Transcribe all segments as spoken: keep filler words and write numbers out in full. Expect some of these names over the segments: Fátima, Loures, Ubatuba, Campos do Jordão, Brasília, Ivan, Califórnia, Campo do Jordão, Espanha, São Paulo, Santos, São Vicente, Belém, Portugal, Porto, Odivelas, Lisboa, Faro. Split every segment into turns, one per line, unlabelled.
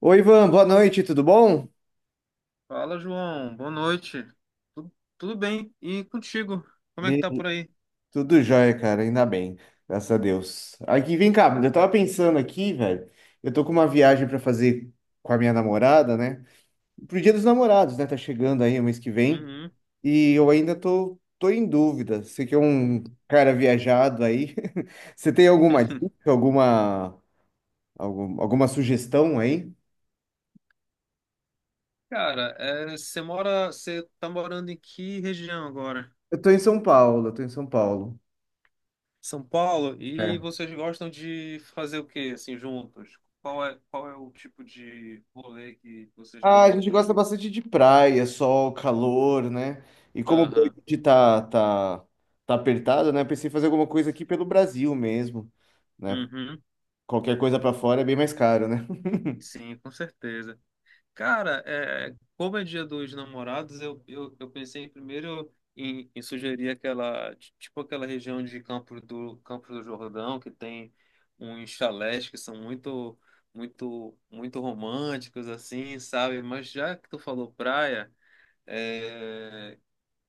Oi, Ivan, boa noite, tudo bom?
Fala, João. Boa noite. Tu- tudo bem? E contigo? Como é que
Bem,
tá por aí?
tudo jóia, cara, ainda bem, graças a Deus. Aqui, vem cá, eu tava pensando aqui, velho, eu tô com uma viagem pra fazer com a minha namorada, né? Pro Dia dos Namorados, né? Tá chegando aí o mês que vem
Uhum.
e eu ainda tô, tô em dúvida. Você que é um cara viajado aí, você tem alguma dica, alguma, algum- alguma sugestão aí?
Cara, é, você mora, você tá morando em que região agora?
Eu tô em São Paulo, eu tô em São Paulo.
São Paulo? E vocês gostam de fazer o quê, assim, juntos? Qual é, qual é o tipo de rolê que vocês
Ah, a
gostam
gente
de?
gosta bastante de praia, sol, calor, né? E como o
Aham.
budget tá, tá, tá apertado, né? Pensei em fazer alguma coisa aqui pelo Brasil mesmo, né?
Uhum.
Qualquer coisa pra fora é bem mais caro, né?
Sim, com certeza. Cara, é, como é Dia dos Namorados, eu, eu, eu pensei primeiro em, em sugerir aquela, ti- tipo aquela região de Campo do, Campo do Jordão, que tem uns chalés que são muito, muito, muito românticos, assim, sabe? Mas já que tu falou praia, é,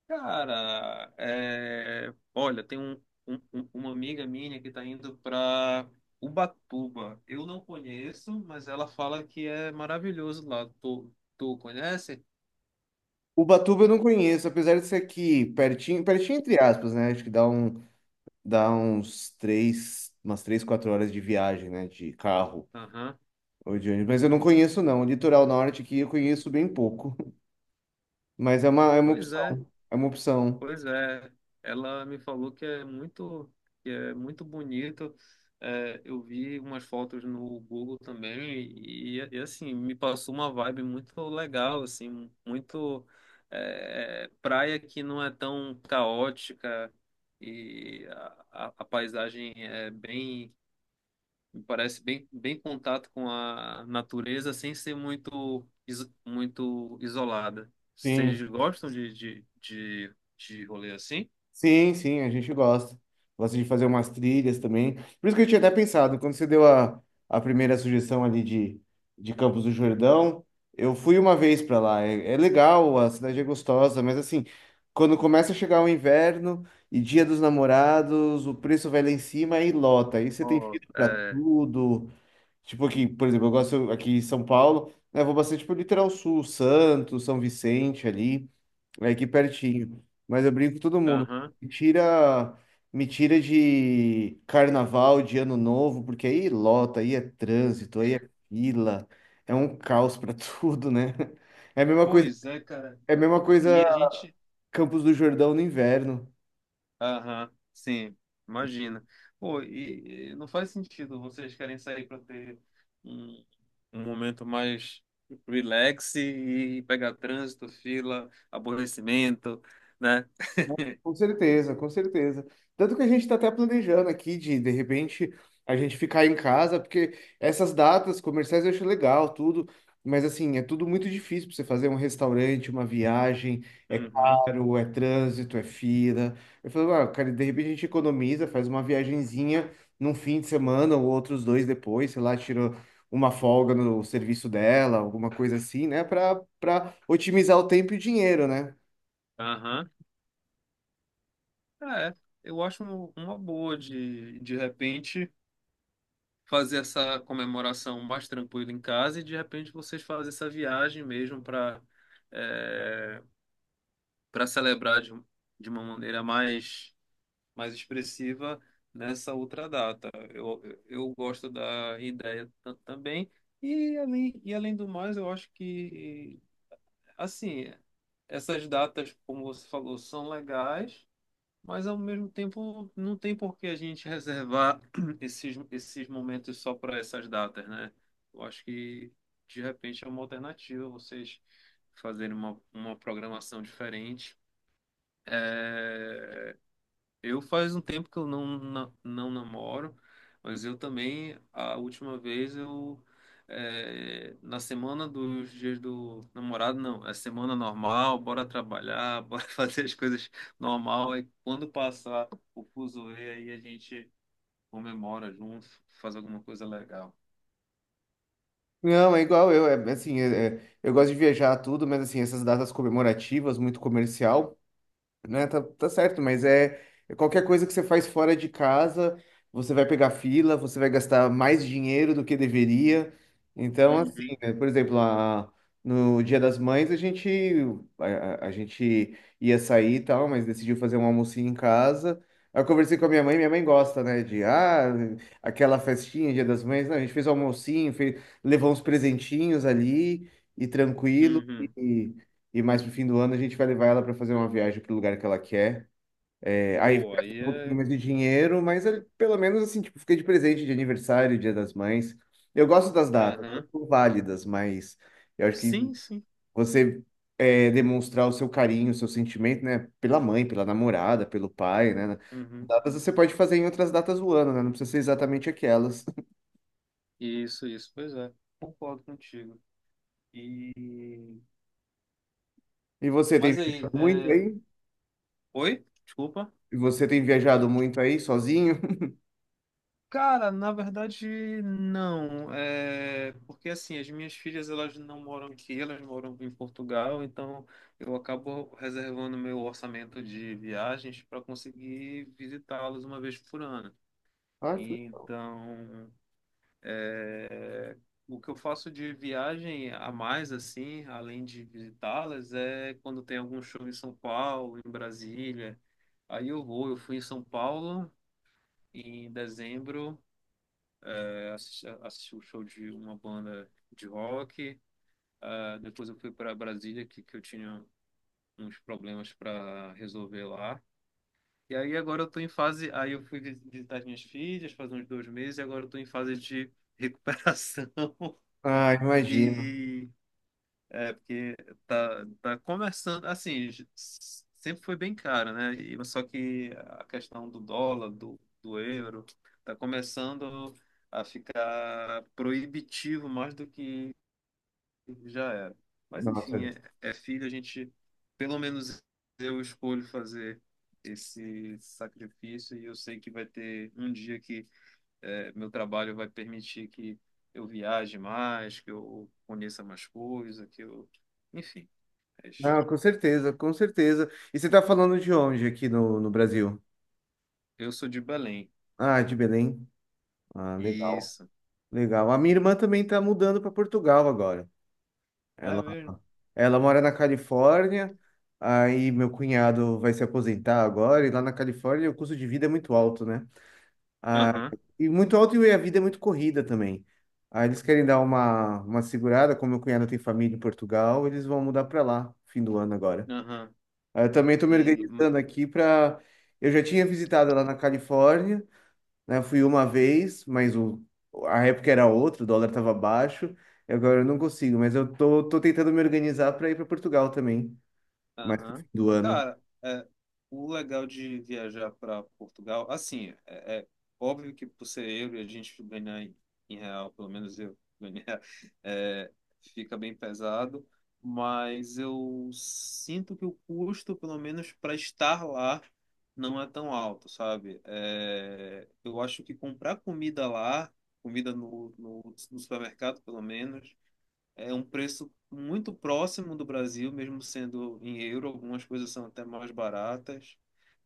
Cara, é, olha, tem um, um- um- uma amiga minha que está indo para Ubatuba. Eu não conheço, mas ela fala que é maravilhoso lá. Tu, tu conhece?
Ubatuba eu não conheço, apesar de ser aqui pertinho, pertinho entre aspas, né? Acho que dá um, dá uns três, umas três, quatro horas de viagem, né? De carro
Aham.
ou de ônibus. Mas eu não conheço, não. O litoral norte aqui eu conheço bem pouco. Mas é uma, é uma
Pois é.
opção. É uma opção.
Pois é, ela me falou que é muito, que é muito bonito. É, eu vi umas fotos no Google também e, e, assim me passou uma vibe muito legal, assim, muito é, é, praia que não é tão caótica e a, a, a paisagem é bem, me parece bem, bem contato com a natureza sem ser muito, iso- muito isolada.
Sim.
Vocês gostam de, de, de, de rolê assim?
Sim, sim, a gente gosta. Gosta de fazer umas trilhas também. Por isso que eu tinha até pensado, quando você deu a, a primeira sugestão ali de, de Campos do Jordão, eu fui uma vez para lá. É, é legal, a cidade é gostosa, mas assim, quando começa a chegar o inverno e Dia dos Namorados, o preço vai lá em cima e lota. Aí você tem
Ó,
fila para
é.
tudo. Tipo aqui, por exemplo, eu gosto aqui em São Paulo, né, eu vou bastante pro litoral sul, Santos, São Vicente ali. É aqui pertinho. Mas eu brinco com todo mundo.
Aham.
Me tira, me tira de carnaval, de ano novo, porque aí lota, aí é trânsito, aí é fila, é um caos para tudo, né? É a mesma coisa,
Pois é, cara.
é a mesma
E
coisa
a gente.
Campos do Jordão no inverno.
Aham, sim, imagina. Pô, e, e não faz sentido vocês querem sair para ter um, um momento mais relax e pegar trânsito, fila, aborrecimento, né?
Com certeza, com certeza. Tanto que a gente está até planejando aqui de, de repente, a gente ficar em casa, porque essas datas comerciais eu acho legal, tudo, mas assim, é tudo muito difícil para você fazer um restaurante, uma viagem, é
Uhum.
caro, é trânsito, é fila. Eu falo, ah, cara, de repente a gente economiza, faz uma viagenzinha num fim de semana ou outros dois depois, sei lá, tira uma folga no serviço dela, alguma coisa assim, né, para para otimizar o tempo e o dinheiro, né?
Aham. É, eu acho um- uma boa de, de repente, fazer essa comemoração mais tranquila em casa e de repente vocês fazem essa viagem mesmo para. para celebrar de, um, de uma maneira mais, mais expressiva nessa outra data. Eu, eu gosto da ideia tam- também, e além, e além do mais, eu acho que, assim, essas datas, como você falou, são legais. Mas ao mesmo tempo, não tem por que a gente reservar esses, esses momentos só para essas datas, né? Eu acho que de repente é uma alternativa vocês fazerem uma, uma programação diferente é, eu faz um tempo que eu não, na- não, namoro, mas eu também, a última vez eu, é, na semana dos dias do namorado, não, é semana normal, bora trabalhar, bora fazer as coisas normal, e quando passar o fuzuê, aí a gente comemora junto, faz alguma coisa legal.
Não, é igual eu, é assim, é- é- eu gosto de viajar tudo, mas assim, essas datas comemorativas, muito comercial né? Tá, tá certo, mas é é qualquer coisa que você faz fora de casa, você vai pegar fila, você vai gastar mais dinheiro do que deveria. Então,
Uhum,
assim, né, por exemplo, a, no Dia das Mães a gente a, a- a gente ia sair e tal, mas decidiu fazer um almocinho em casa. Aí eu conversei com a minha mãe, minha mãe gosta, né, de ah, aquela festinha, Dia das Mães. Não, a gente fez o almocinho, fez, levou uns presentinhos ali e tranquilo.
uhum.
E mais pro fim do ano a gente vai levar ela para fazer uma viagem pro lugar que ela quer. É, aí vai
Pô,
gastar
aí
um pouquinho
é.
mais de dinheiro, mas ele- pelo menos assim, tipo, fica de presente de aniversário, Dia das Mães. Eu gosto das datas, elas
Aham.
são válidas, mas eu acho que
Sim, sim.
você é, demonstrar o seu carinho, o seu sentimento, né, pela mãe, pela namorada, pelo pai, né?
Uhum.
Datas você pode fazer em outras datas do ano, né? Não precisa ser exatamente aquelas.
Isso, isso, pois é. Concordo contigo. E
E você tem
Mas aí,
viajado muito
é...
aí?
Oi? Desculpa.
E você tem viajado muito aí sozinho?
Cara, na verdade, não. É porque assim, as minhas filhas elas não moram aqui, elas moram em Portugal, então eu acabo reservando meu orçamento de viagens para conseguir visitá-las uma vez por ano.
Ah, que- legal.
Então, é, o que eu faço de viagem a mais assim, além de visitá-las, é quando tem algum show em São Paulo, em Brasília. Aí eu vou, eu fui em São Paulo Em dezembro, é, assisti, assisti o show de uma banda de rock. Ah, depois eu fui para Brasília, que, que eu tinha uns problemas para resolver lá. E aí agora eu tô em fase. Aí eu fui vis- visitar as minhas filhas faz uns dois meses, e agora eu tô em fase de recuperação.
Ah, imagino.
E É, porque tá, tá conversando, assim, j- s- sempre foi bem caro, né? E, só que a questão do dólar, do, do euro, tá começando a ficar proibitivo mais do que já era. Mas,
Nossa.
enfim, é, é filho, a gente, pelo menos eu escolho fazer esse sacrifício e eu sei que vai ter um dia que é, meu trabalho vai permitir que eu viaje mais, que eu conheça mais coisas, que eu. Enfim, mas
Ah, com certeza, com certeza. E você tá falando de onde aqui no, no Brasil?
eu sou de Belém.
Ah, de Belém. Ah, legal,
Isso.
legal. A minha irmã também tá mudando para Portugal agora.
É
Ela,
mesmo?
ela mora na Califórnia, aí meu cunhado vai se aposentar agora, e lá na Califórnia o custo de vida é muito alto, né? Ah,
Aham,
e muito alto e a vida é muito corrida também. Aí eles querem dar uma, uma segurada, como meu cunhado tem família em Portugal, eles vão mudar para lá, fim do ano agora.
aham.
Aí eu também estou me
E
organizando aqui para. Eu já tinha visitado lá na Califórnia, né? Fui uma vez, mas o... a época era outra, o dólar estava baixo. E agora eu não consigo, mas eu tô, tô tentando me organizar para ir para Portugal também, mais no fim
Aham.
do ano.
Cara, é, o legal de viajar para Portugal, assim, é, é óbvio que por ser euro e a gente ganhar em, em real, pelo menos eu ganhar, é, fica bem pesado, mas eu sinto que o custo, pelo menos para estar lá, não é tão alto, sabe? É, eu acho que comprar comida lá, comida no, no, no supermercado, pelo menos, é um preço muito próximo do Brasil, mesmo sendo em euro, algumas coisas são até mais baratas.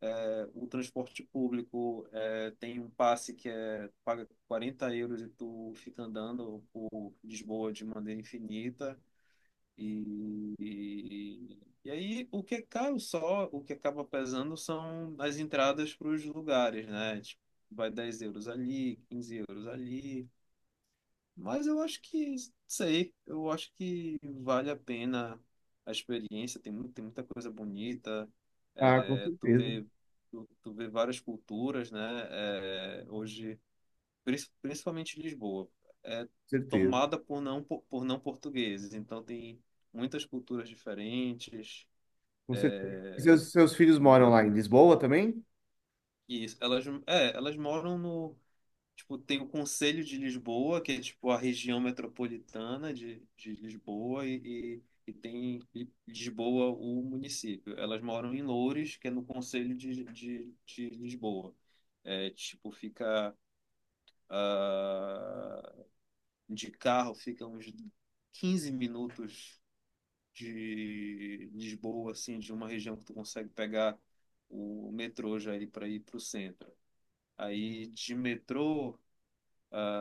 É, o transporte público é, tem um passe que é paga quarenta euros e tu fica andando por Lisboa de maneira infinita. E, e, e aí o que é caro só, o que acaba pesando são as entradas para os lugares, né? Tipo, vai dez euros ali, quinze euros ali. Mas eu acho que, sei, eu acho que vale a pena a experiência, tem, mu- tem muita coisa bonita,
Ah, com
é, tu
certeza, com
vê, tu, tu vê várias culturas, né? É, hoje, prin- principalmente Lisboa, é
certeza,
tomada por não, po- por não portugueses, então tem muitas culturas diferentes,
com certeza. E seus, seus filhos moram
muita,
lá em Lisboa também?
e isso, elas, é, elas moram no Tipo, tem o Conselho de Lisboa, que é tipo a região metropolitana de, de Lisboa, e, e, e tem Li- Lisboa, o município. Elas moram em Loures, que é no Conselho de, de, de Lisboa. É, tipo, fica ah, de carro, fica uns quinze minutos de Lisboa, assim, de uma região que tu consegue pegar o metrô já aí para ir para o centro. Aí de metrô.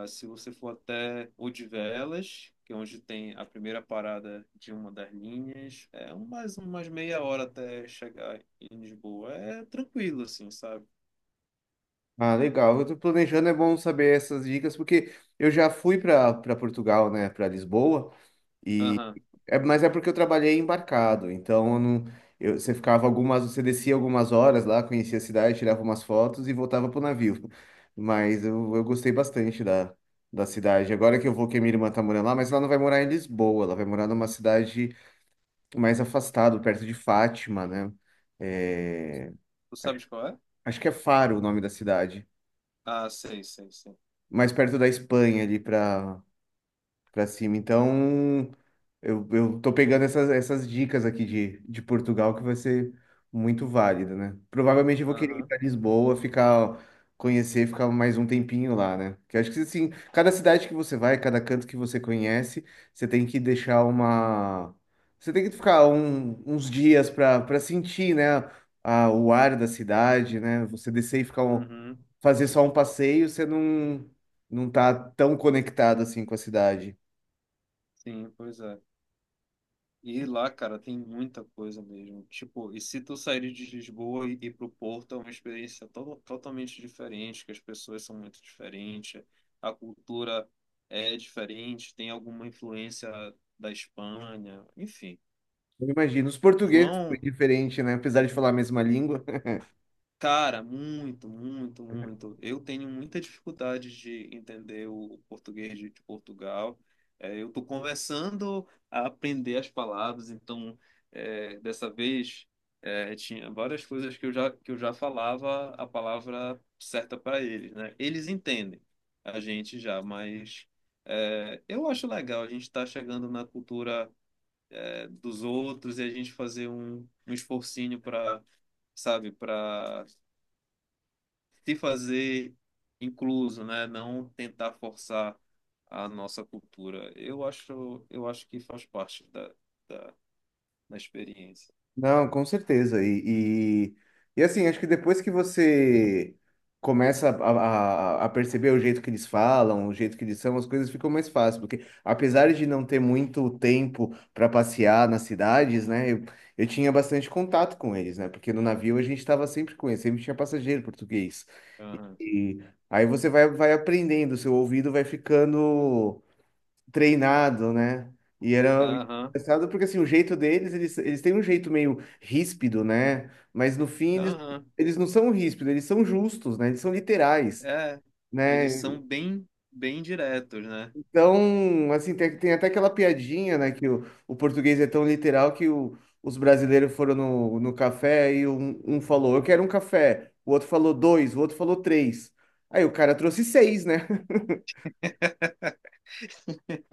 Se você for até Odivelas, que é onde tem a primeira parada de uma das linhas, é um- mais umas meia hora até chegar em Lisboa. É tranquilo, assim, sabe?
Ah, legal. Eu tô planejando, é bom saber essas dicas, porque eu já fui para para Portugal, né, para Lisboa. E
Aham.
é, mas é porque eu trabalhei embarcado, então eu não, eu- você ficava algumas, você descia algumas horas lá, conhecia a cidade, tirava umas fotos e voltava pro navio. Mas eu, eu gostei bastante da, da cidade. Agora que eu vou, que a minha irmã tá morando lá, mas ela não vai morar em Lisboa, ela vai morar numa cidade mais afastada, perto de Fátima, né? É,
Tu sabes qual é?
acho que é Faro o nome da cidade,
Ah, sei, sei, sei.
mais perto da Espanha ali para para cima. Então, eu, eu tô pegando essas, essas dicas aqui de, de Portugal que vai ser muito válida, né? Provavelmente eu vou querer ir
Aham.
para Lisboa, ficar, conhecer, ficar mais um tempinho lá, né? Que eu acho que assim, cada cidade que você vai, cada canto que você conhece, você tem que deixar uma. Você tem que ficar um- uns dias para para sentir, né? A, o ar da cidade, né? Você descer e ficar um,
Uhum.
fazer só um passeio, você não, não tá tão conectado assim com a cidade.
Sim, pois é. E lá, cara, tem muita coisa mesmo. Tipo, e se tu sair de Lisboa e ir pro Porto, é uma experiência to totalmente diferente, que as pessoas são muito diferentes, a cultura é diferente, tem alguma influência da Espanha, enfim.
Eu imagino. Os portugueses foi
João.
diferente, né? Apesar de falar a mesma língua.
Cara, muito, muito, muito. Eu tenho muita dificuldade de entender o português de de Portugal. É, eu estou começando a aprender as palavras, então é, dessa vez é, tinha várias coisas que eu já, que eu já falava a palavra certa para eles, né? Eles entendem a gente já, mas é, eu acho legal a gente estar chegando na cultura é, dos outros e a gente fazer um, um esforcinho para, sabe, para se fazer incluso, né? Não tentar forçar a nossa cultura. Eu acho, eu acho que faz parte da, da, da experiência.
Não, com certeza. E, e, e assim, acho que depois que você começa a, a, a perceber o jeito que eles falam, o jeito que eles são, as coisas ficam mais fáceis. Porque apesar de não ter muito tempo para passear nas cidades, né? Eu, eu tinha bastante contato com eles, né? Porque no navio a gente estava sempre com eles, sempre tinha passageiro português.
Aham,
E aí você vai, vai aprendendo, seu ouvido vai ficando treinado, né? E era
aham,
engraçado porque assim, o jeito deles, eles, eles têm um jeito meio ríspido, né? Mas no fim eles,
aham.
eles não são ríspidos, eles são justos, né? Eles são literais,
É, eles
né?
são bem, bem diretos, né?
Então, assim, tem, tem até aquela piadinha, né, que o, o português é tão literal que o- os brasileiros foram no, no café e um, um falou, eu quero um café, o outro falou dois, o outro falou três. Aí o cara trouxe seis, né?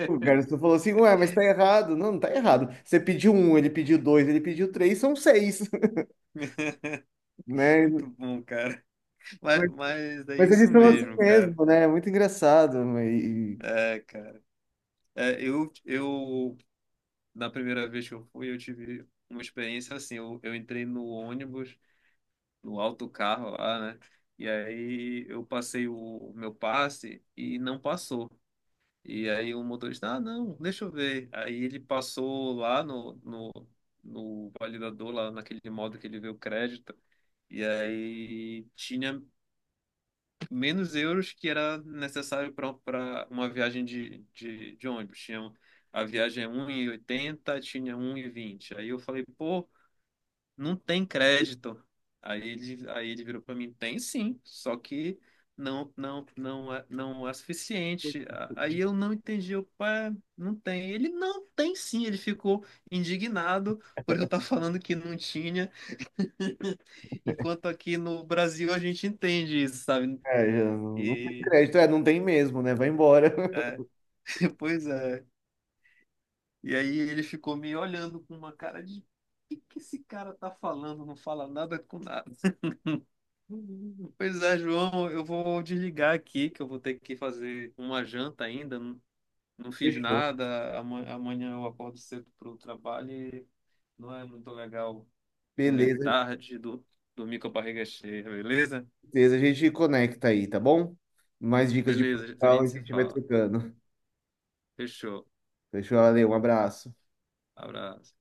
O garçom falou assim, ué, mas tá errado. Não, não tá errado. Você pediu um, ele pediu dois, ele pediu três, são seis, né?
Muito bom, cara. Mas,
Mas,
mas é
mas
isso
eles são assim
mesmo, cara.
mesmo, né? É muito engraçado. E, e-
É, cara. É, eu, eu, na primeira vez que eu fui, eu tive uma experiência assim. Eu, eu entrei no ônibus no alto do carro lá, né? E aí eu passei o meu passe e não passou. E aí o motorista, ah, não, deixa eu ver. Aí ele passou lá no, no, no validador, lá naquele modo que ele vê o crédito. E aí tinha menos euros que era necessário para uma viagem de, de, de ônibus. Tinha, a viagem é um e oitenta, tinha um e vinte. Aí eu falei, pô, não tem crédito. Aí ele, aí ele virou para mim, tem sim, só que não, não, não é, não é suficiente. A- Aí eu não entendi, eu, pá, não tem. Ele não tem sim, ele ficou indignado por eu estar falando que não tinha, enquanto aqui no Brasil a gente entende isso, sabe?
é, já não não tem
E
crédito, é, não tem mesmo, né? Vai embora.
é, pois é. E aí ele ficou me olhando com uma cara de, o que que esse cara tá falando? Não fala nada com nada. Pois é, João, eu vou desligar aqui, que eu vou ter que fazer uma janta ainda. Não, não fiz
Fechou.
nada. Ama- Amanhã eu acordo cedo para o trabalho e não é muito legal comer
Beleza,
tarde, do, dormir com a barriga cheia, beleza?
beleza. A gente conecta aí, tá bom? Mais dicas de
Beleza, a
Portugal a
gente se
gente vai
fala.
trocando.
Fechou.
Fechou, valeu, um abraço.
Abraço.